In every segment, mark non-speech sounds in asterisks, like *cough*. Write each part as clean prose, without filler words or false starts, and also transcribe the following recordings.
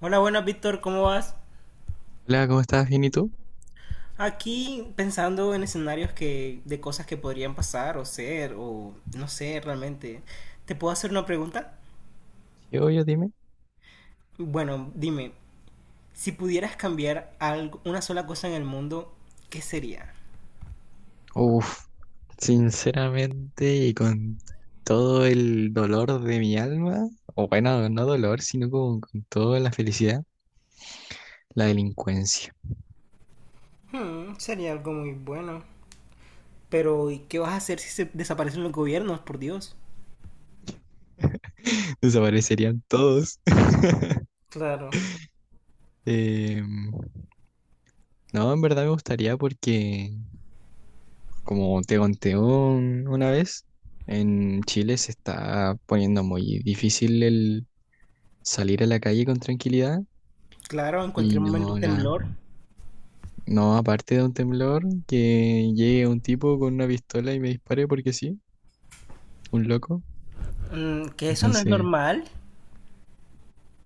Hola, buenas, Víctor, ¿cómo vas? Hola, ¿cómo estás? ¿Bien y tú? Aquí pensando en escenarios que de cosas que podrían pasar o ser o no sé realmente. ¿Te puedo hacer una pregunta? Sí, obvio, dime. Bueno, dime, si pudieras cambiar algo, una sola cosa en el mundo, ¿qué sería? Uf, sinceramente y con todo el dolor de mi alma, o bueno, no dolor, sino como con toda la felicidad, la delincuencia. Hmm, sería algo muy bueno. Pero ¿y qué vas a hacer si se desaparecen los gobiernos, por Dios? *laughs* Desaparecerían todos. *laughs* Claro. Em, no, en verdad me gustaría porque, como te conté una vez, en Chile se está poniendo muy difícil el salir a la calle con tranquilidad Claro, en y cualquier momento un no la... temblor. No, aparte de un temblor, que llegue un tipo con una pistola y me dispare porque sí, un loco. Mm, que eso no es Entonces, normal.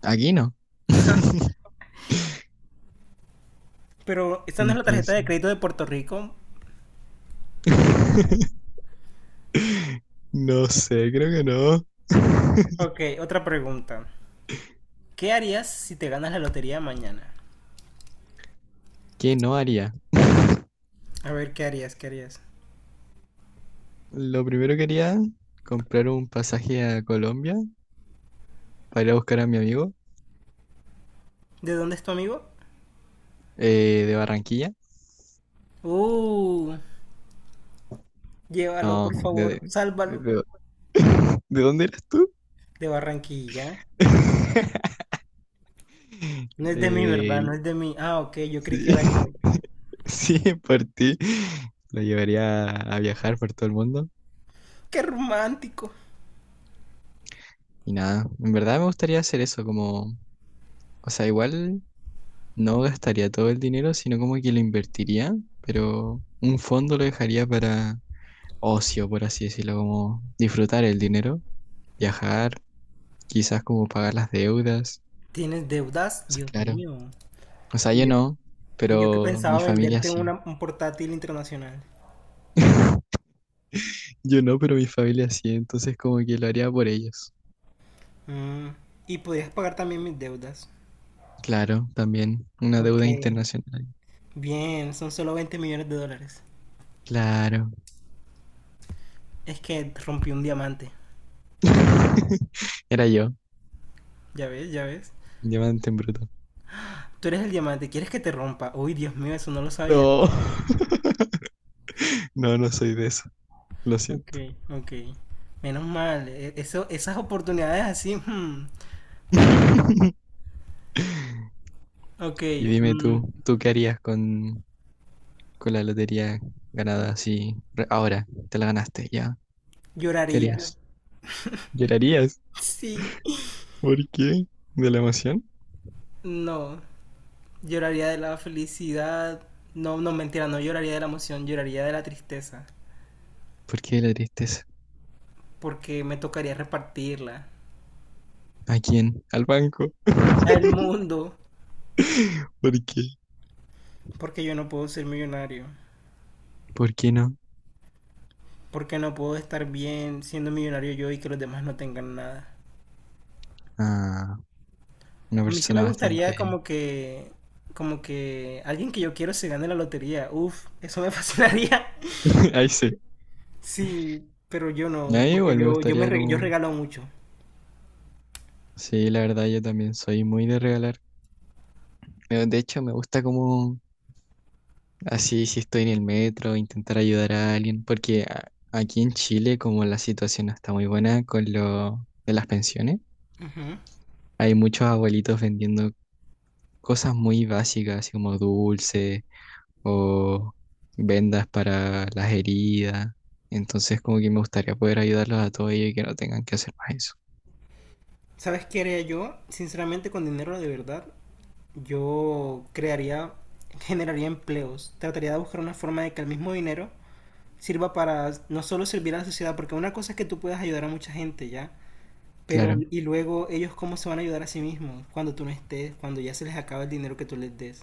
aquí no. *laughs* Pero esta no es la tarjeta de Entonces, crédito de Puerto Rico. *laughs* no sé, creo que no. *laughs* Ok, otra pregunta. ¿Qué harías si te ganas la lotería mañana? ¿Qué no haría? A ver, ¿qué harías? ¿Qué harías? Lo primero que haría, comprar un pasaje a Colombia para ir a buscar a mi amigo, ¿De dónde es tu amigo? De Barranquilla. Uh, llévalo, No, por favor, sálvalo. de- de- *laughs* ¿de dónde eras tú? De Barranquilla. *laughs* No es De, de mí, ¿verdad? No es de- de mí. Ah, ok, yo creí sí. que era *laughs* yo. *laughs* Sí, por ti. Lo llevaría a viajar por todo el mundo. ¡Qué romántico! Y nada, en verdad me gustaría hacer eso, como, o sea, igual no gastaría todo el dinero, sino como que lo invertiría, pero un fondo lo dejaría para ocio, por así decirlo, como disfrutar el dinero, viajar, quizás como pagar las deudas. ¿Tienes deudas? O sea, Dios claro. mío. O sea, yo Y yo, no, y yo que pero mi pensaba familia venderte sí. Un portátil internacional. Yo no, pero mi familia sí, entonces como que lo haría por ellos. Mm, y podías pagar también mis deudas. Claro, también una Ok. deuda internacional. Bien, son solo 20 millones de dólares. Claro. Es que rompí un diamante. *laughs* Era yo, Ya ves, ya ves. diamante en bruto. Tú eres el diamante, ¿quieres que te rompa? Uy, Dios mío, eso no lo sabía. No. *laughs* No, no soy de eso, lo Ok, siento. ok. Menos mal, eso, esas oportunidades así. Hmm. Hmm. *laughs* Ok, Y dime mm, tú, ¿tú qué harías con la lotería ganada así ahora? Te la ganaste, ya. ¿Qué lloraría. harías? ¿Llorarías? Sí. ¿Por qué? ¿De la emoción? No, lloraría de la felicidad. No, no, mentira, no lloraría de la emoción, lloraría de la tristeza. ¿Por qué la tristeza? Porque me tocaría repartirla ¿A quién? ¿Al banco? al *laughs* mundo. ¿Por qué? Porque yo no puedo ser millonario. ¿Por qué no? Porque no puedo estar bien siendo millonario yo y que los demás no tengan nada. Ah, una A mí sí persona me gustaría bastante... como que alguien que yo quiero se gane la lotería. Uf, eso me *laughs* fascinaría. *laughs* Ahí sí. Sí, pero yo A mí no, porque igual me gustaría yo como... regalo mucho. Sí, la verdad yo también soy muy de regalar. De hecho, me gusta como así si estoy en el metro, intentar ayudar a alguien, porque aquí en Chile como la situación no está muy buena con lo de las pensiones, Ujú. hay muchos abuelitos vendiendo cosas muy básicas, así como dulces o vendas para las heridas. Entonces, como que me gustaría poder ayudarlos a todos ellos y que no tengan que hacer más eso. ¿Sabes qué haría yo? Sinceramente, con dinero de verdad, yo crearía, generaría empleos. Trataría de buscar una forma de que el mismo dinero sirva para no solo servir a la sociedad, porque una cosa es que tú puedas ayudar a mucha gente, ¿ya? Pero, Claro, y luego, ¿ellos cómo se van a ayudar a sí mismos cuando tú no estés, cuando ya se les acaba el dinero que tú les des?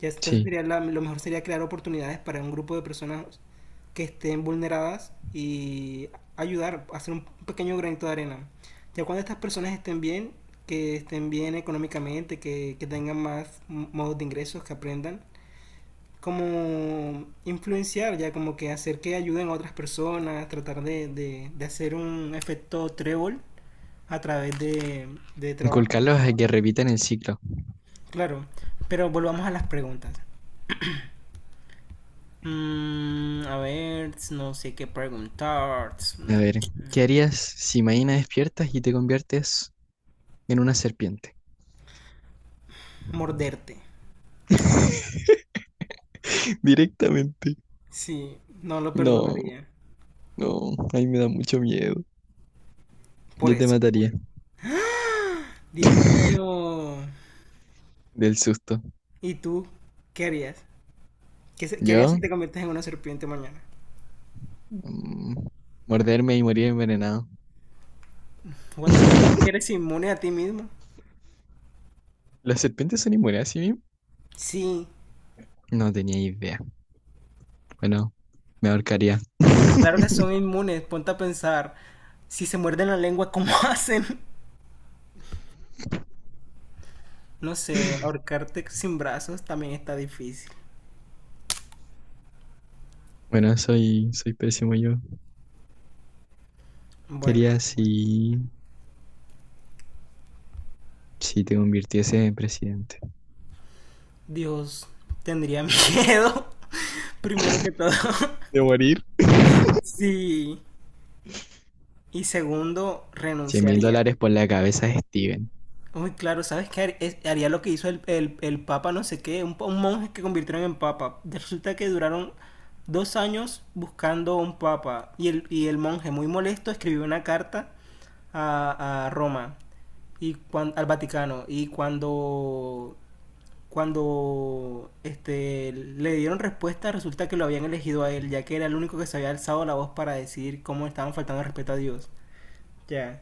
Ya, entonces sí. sería lo mejor sería crear oportunidades para un grupo de personas que estén vulneradas y ayudar, hacer un pequeño granito de arena. Ya cuando estas personas estén bien, que estén bien económicamente, que tengan más modos de ingresos, que aprendan, como influenciar, ya como que hacer que ayuden a otras personas, tratar de hacer un efecto trébol a través de trabajo. Inculcarlos a que repitan el ciclo. Claro, pero volvamos a las preguntas. Mm, a ver, no sé qué preguntar. A Mm, ver, ¿qué harías si mañana despiertas y te conviertes en una serpiente? morderte. *laughs* Directamente. Sí, no lo No, perdonaría. no, ahí me da mucho miedo. Por Yo te eso. mataría Dios mío. del susto. ¿Y tú qué harías? ¿Qué harías Yo, si te conviertes en una serpiente mañana? mm, morderme y morir envenenado. What the fuck, ¿sabes que *laughs* eres inmune a ti mismo? ¿Las serpientes son inmunes a sí mismas? Sí, No tenía idea. Bueno, me ahorcaría. claro que *laughs* son inmunes, ponte a pensar, si se muerden la lengua, ¿cómo *laughs* hacen? No sé, ahorcarte sin brazos también está difícil. Bueno, soy pésimo yo. Bueno, Quería si, si te convirtiese en presidente. Dios, tendría *laughs* miedo, primero que todo. *laughs* ¿De morir? *laughs* Sí, y segundo, cien mil renunciaría. dólares por la cabeza de Steven. Muy claro, ¿sabes qué? Haría lo que hizo el papa, no sé qué, un monje que convirtieron en papa. Resulta que duraron 2 años buscando un papa y el monje, muy molesto, escribió una carta a Roma y al Vaticano y cuando este le dieron respuesta, resulta que lo habían elegido a él ya que era el único que se había alzado la voz para decir cómo estaban faltando el respeto a Dios, ya,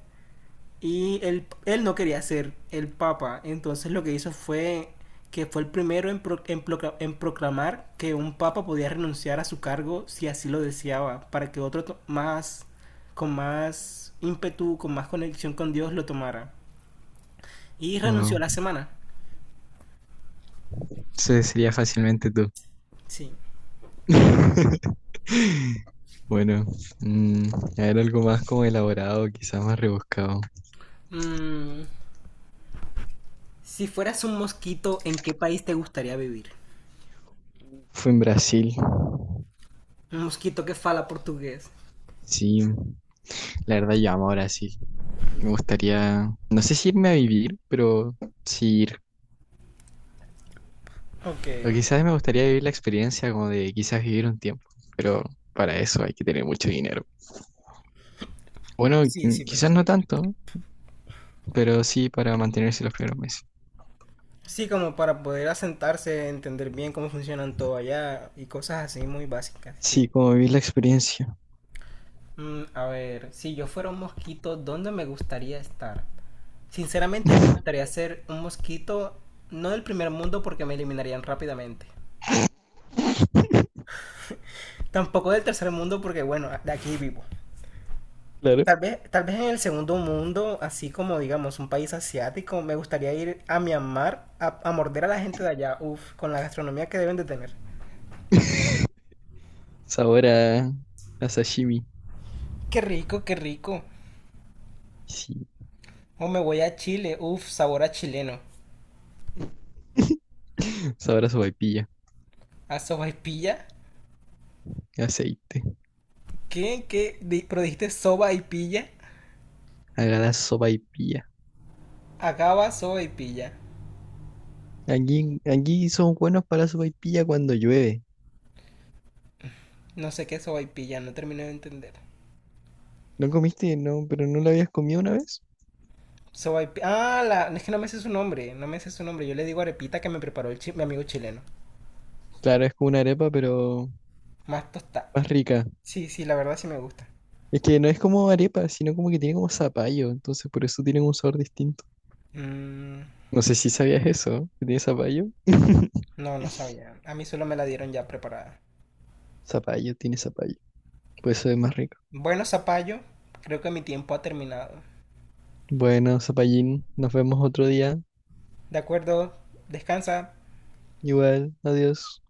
y él no quería ser el papa, entonces lo que hizo fue que fue el primero en proclamar que un papa podía renunciar a su cargo si así lo deseaba, para que otro más, con más ímpetu, con más conexión con Dios lo tomara. Y renunció a Wow. la semana. Ese sería fácilmente tú. Sí. *laughs* Bueno, mm, a ver algo más como elaborado, quizás más rebuscado. Mm, si fueras un mosquito, ¿en qué país te gustaría vivir? Fue en Brasil. Un mosquito que fala portugués. Sí, la verdad yo amo Brasil. Me gustaría, no sé si irme a vivir, pero sí ir. Ok. O quizás me gustaría vivir la experiencia como de quizás vivir un tiempo, pero para eso hay que tener mucho dinero. Bueno, Sí, sí, quizás verdad. no tanto, pero sí para mantenerse los primeros meses. Sí, como para poder asentarse, entender bien cómo funcionan todo allá y cosas así muy básicas, Sí, sí. como vivir la experiencia. Mm, a ver, si yo fuera un mosquito, ¿dónde me gustaría estar? Sinceramente me gustaría ser un mosquito, no del primer mundo porque me eliminarían rápidamente. *laughs* Tampoco del tercer mundo porque, bueno, de aquí vivo. Claro. Tal vez en el segundo mundo, así como digamos un país asiático, me gustaría ir a Myanmar a morder a la gente de allá, uff, con la gastronomía que deben de tener. *laughs* Sabor a sashimi. Qué rico, qué rico. Sí. O me voy a Chile, uff, sabor a chileno. *laughs* Sabrá sopaipilla, A soba y pilla. aceite. ¿Qué? ¿Qué? ¿Pero dijiste soba y pilla? Haga la sopaipilla. Acaba soba y pilla. Aquí, aquí son buenos para la sopaipilla cuando llueve. No sé qué es soba y pilla, no terminé de entender. ¿No comiste? No, pero no la habías comido una vez. Ah, la... es que no me sé su nombre, no me sé su nombre. Yo le digo arepita que me preparó mi amigo chileno. Claro, es como una arepa, pero Más tostada. más rica. Sí, sí, la verdad sí me gusta. Es que no es como arepa, sino como que tiene como zapallo, entonces por eso tienen un sabor distinto. Mm, No sé si sabías eso, que tiene zapallo. *laughs* no, no sabía. A mí solo me la dieron ya preparada. Zapallo, tiene zapallo. Por eso es más rico. Bueno, Zapallo, creo que mi tiempo ha terminado. Bueno, zapallín, nos vemos otro día. De acuerdo, descansa. Igual, adiós.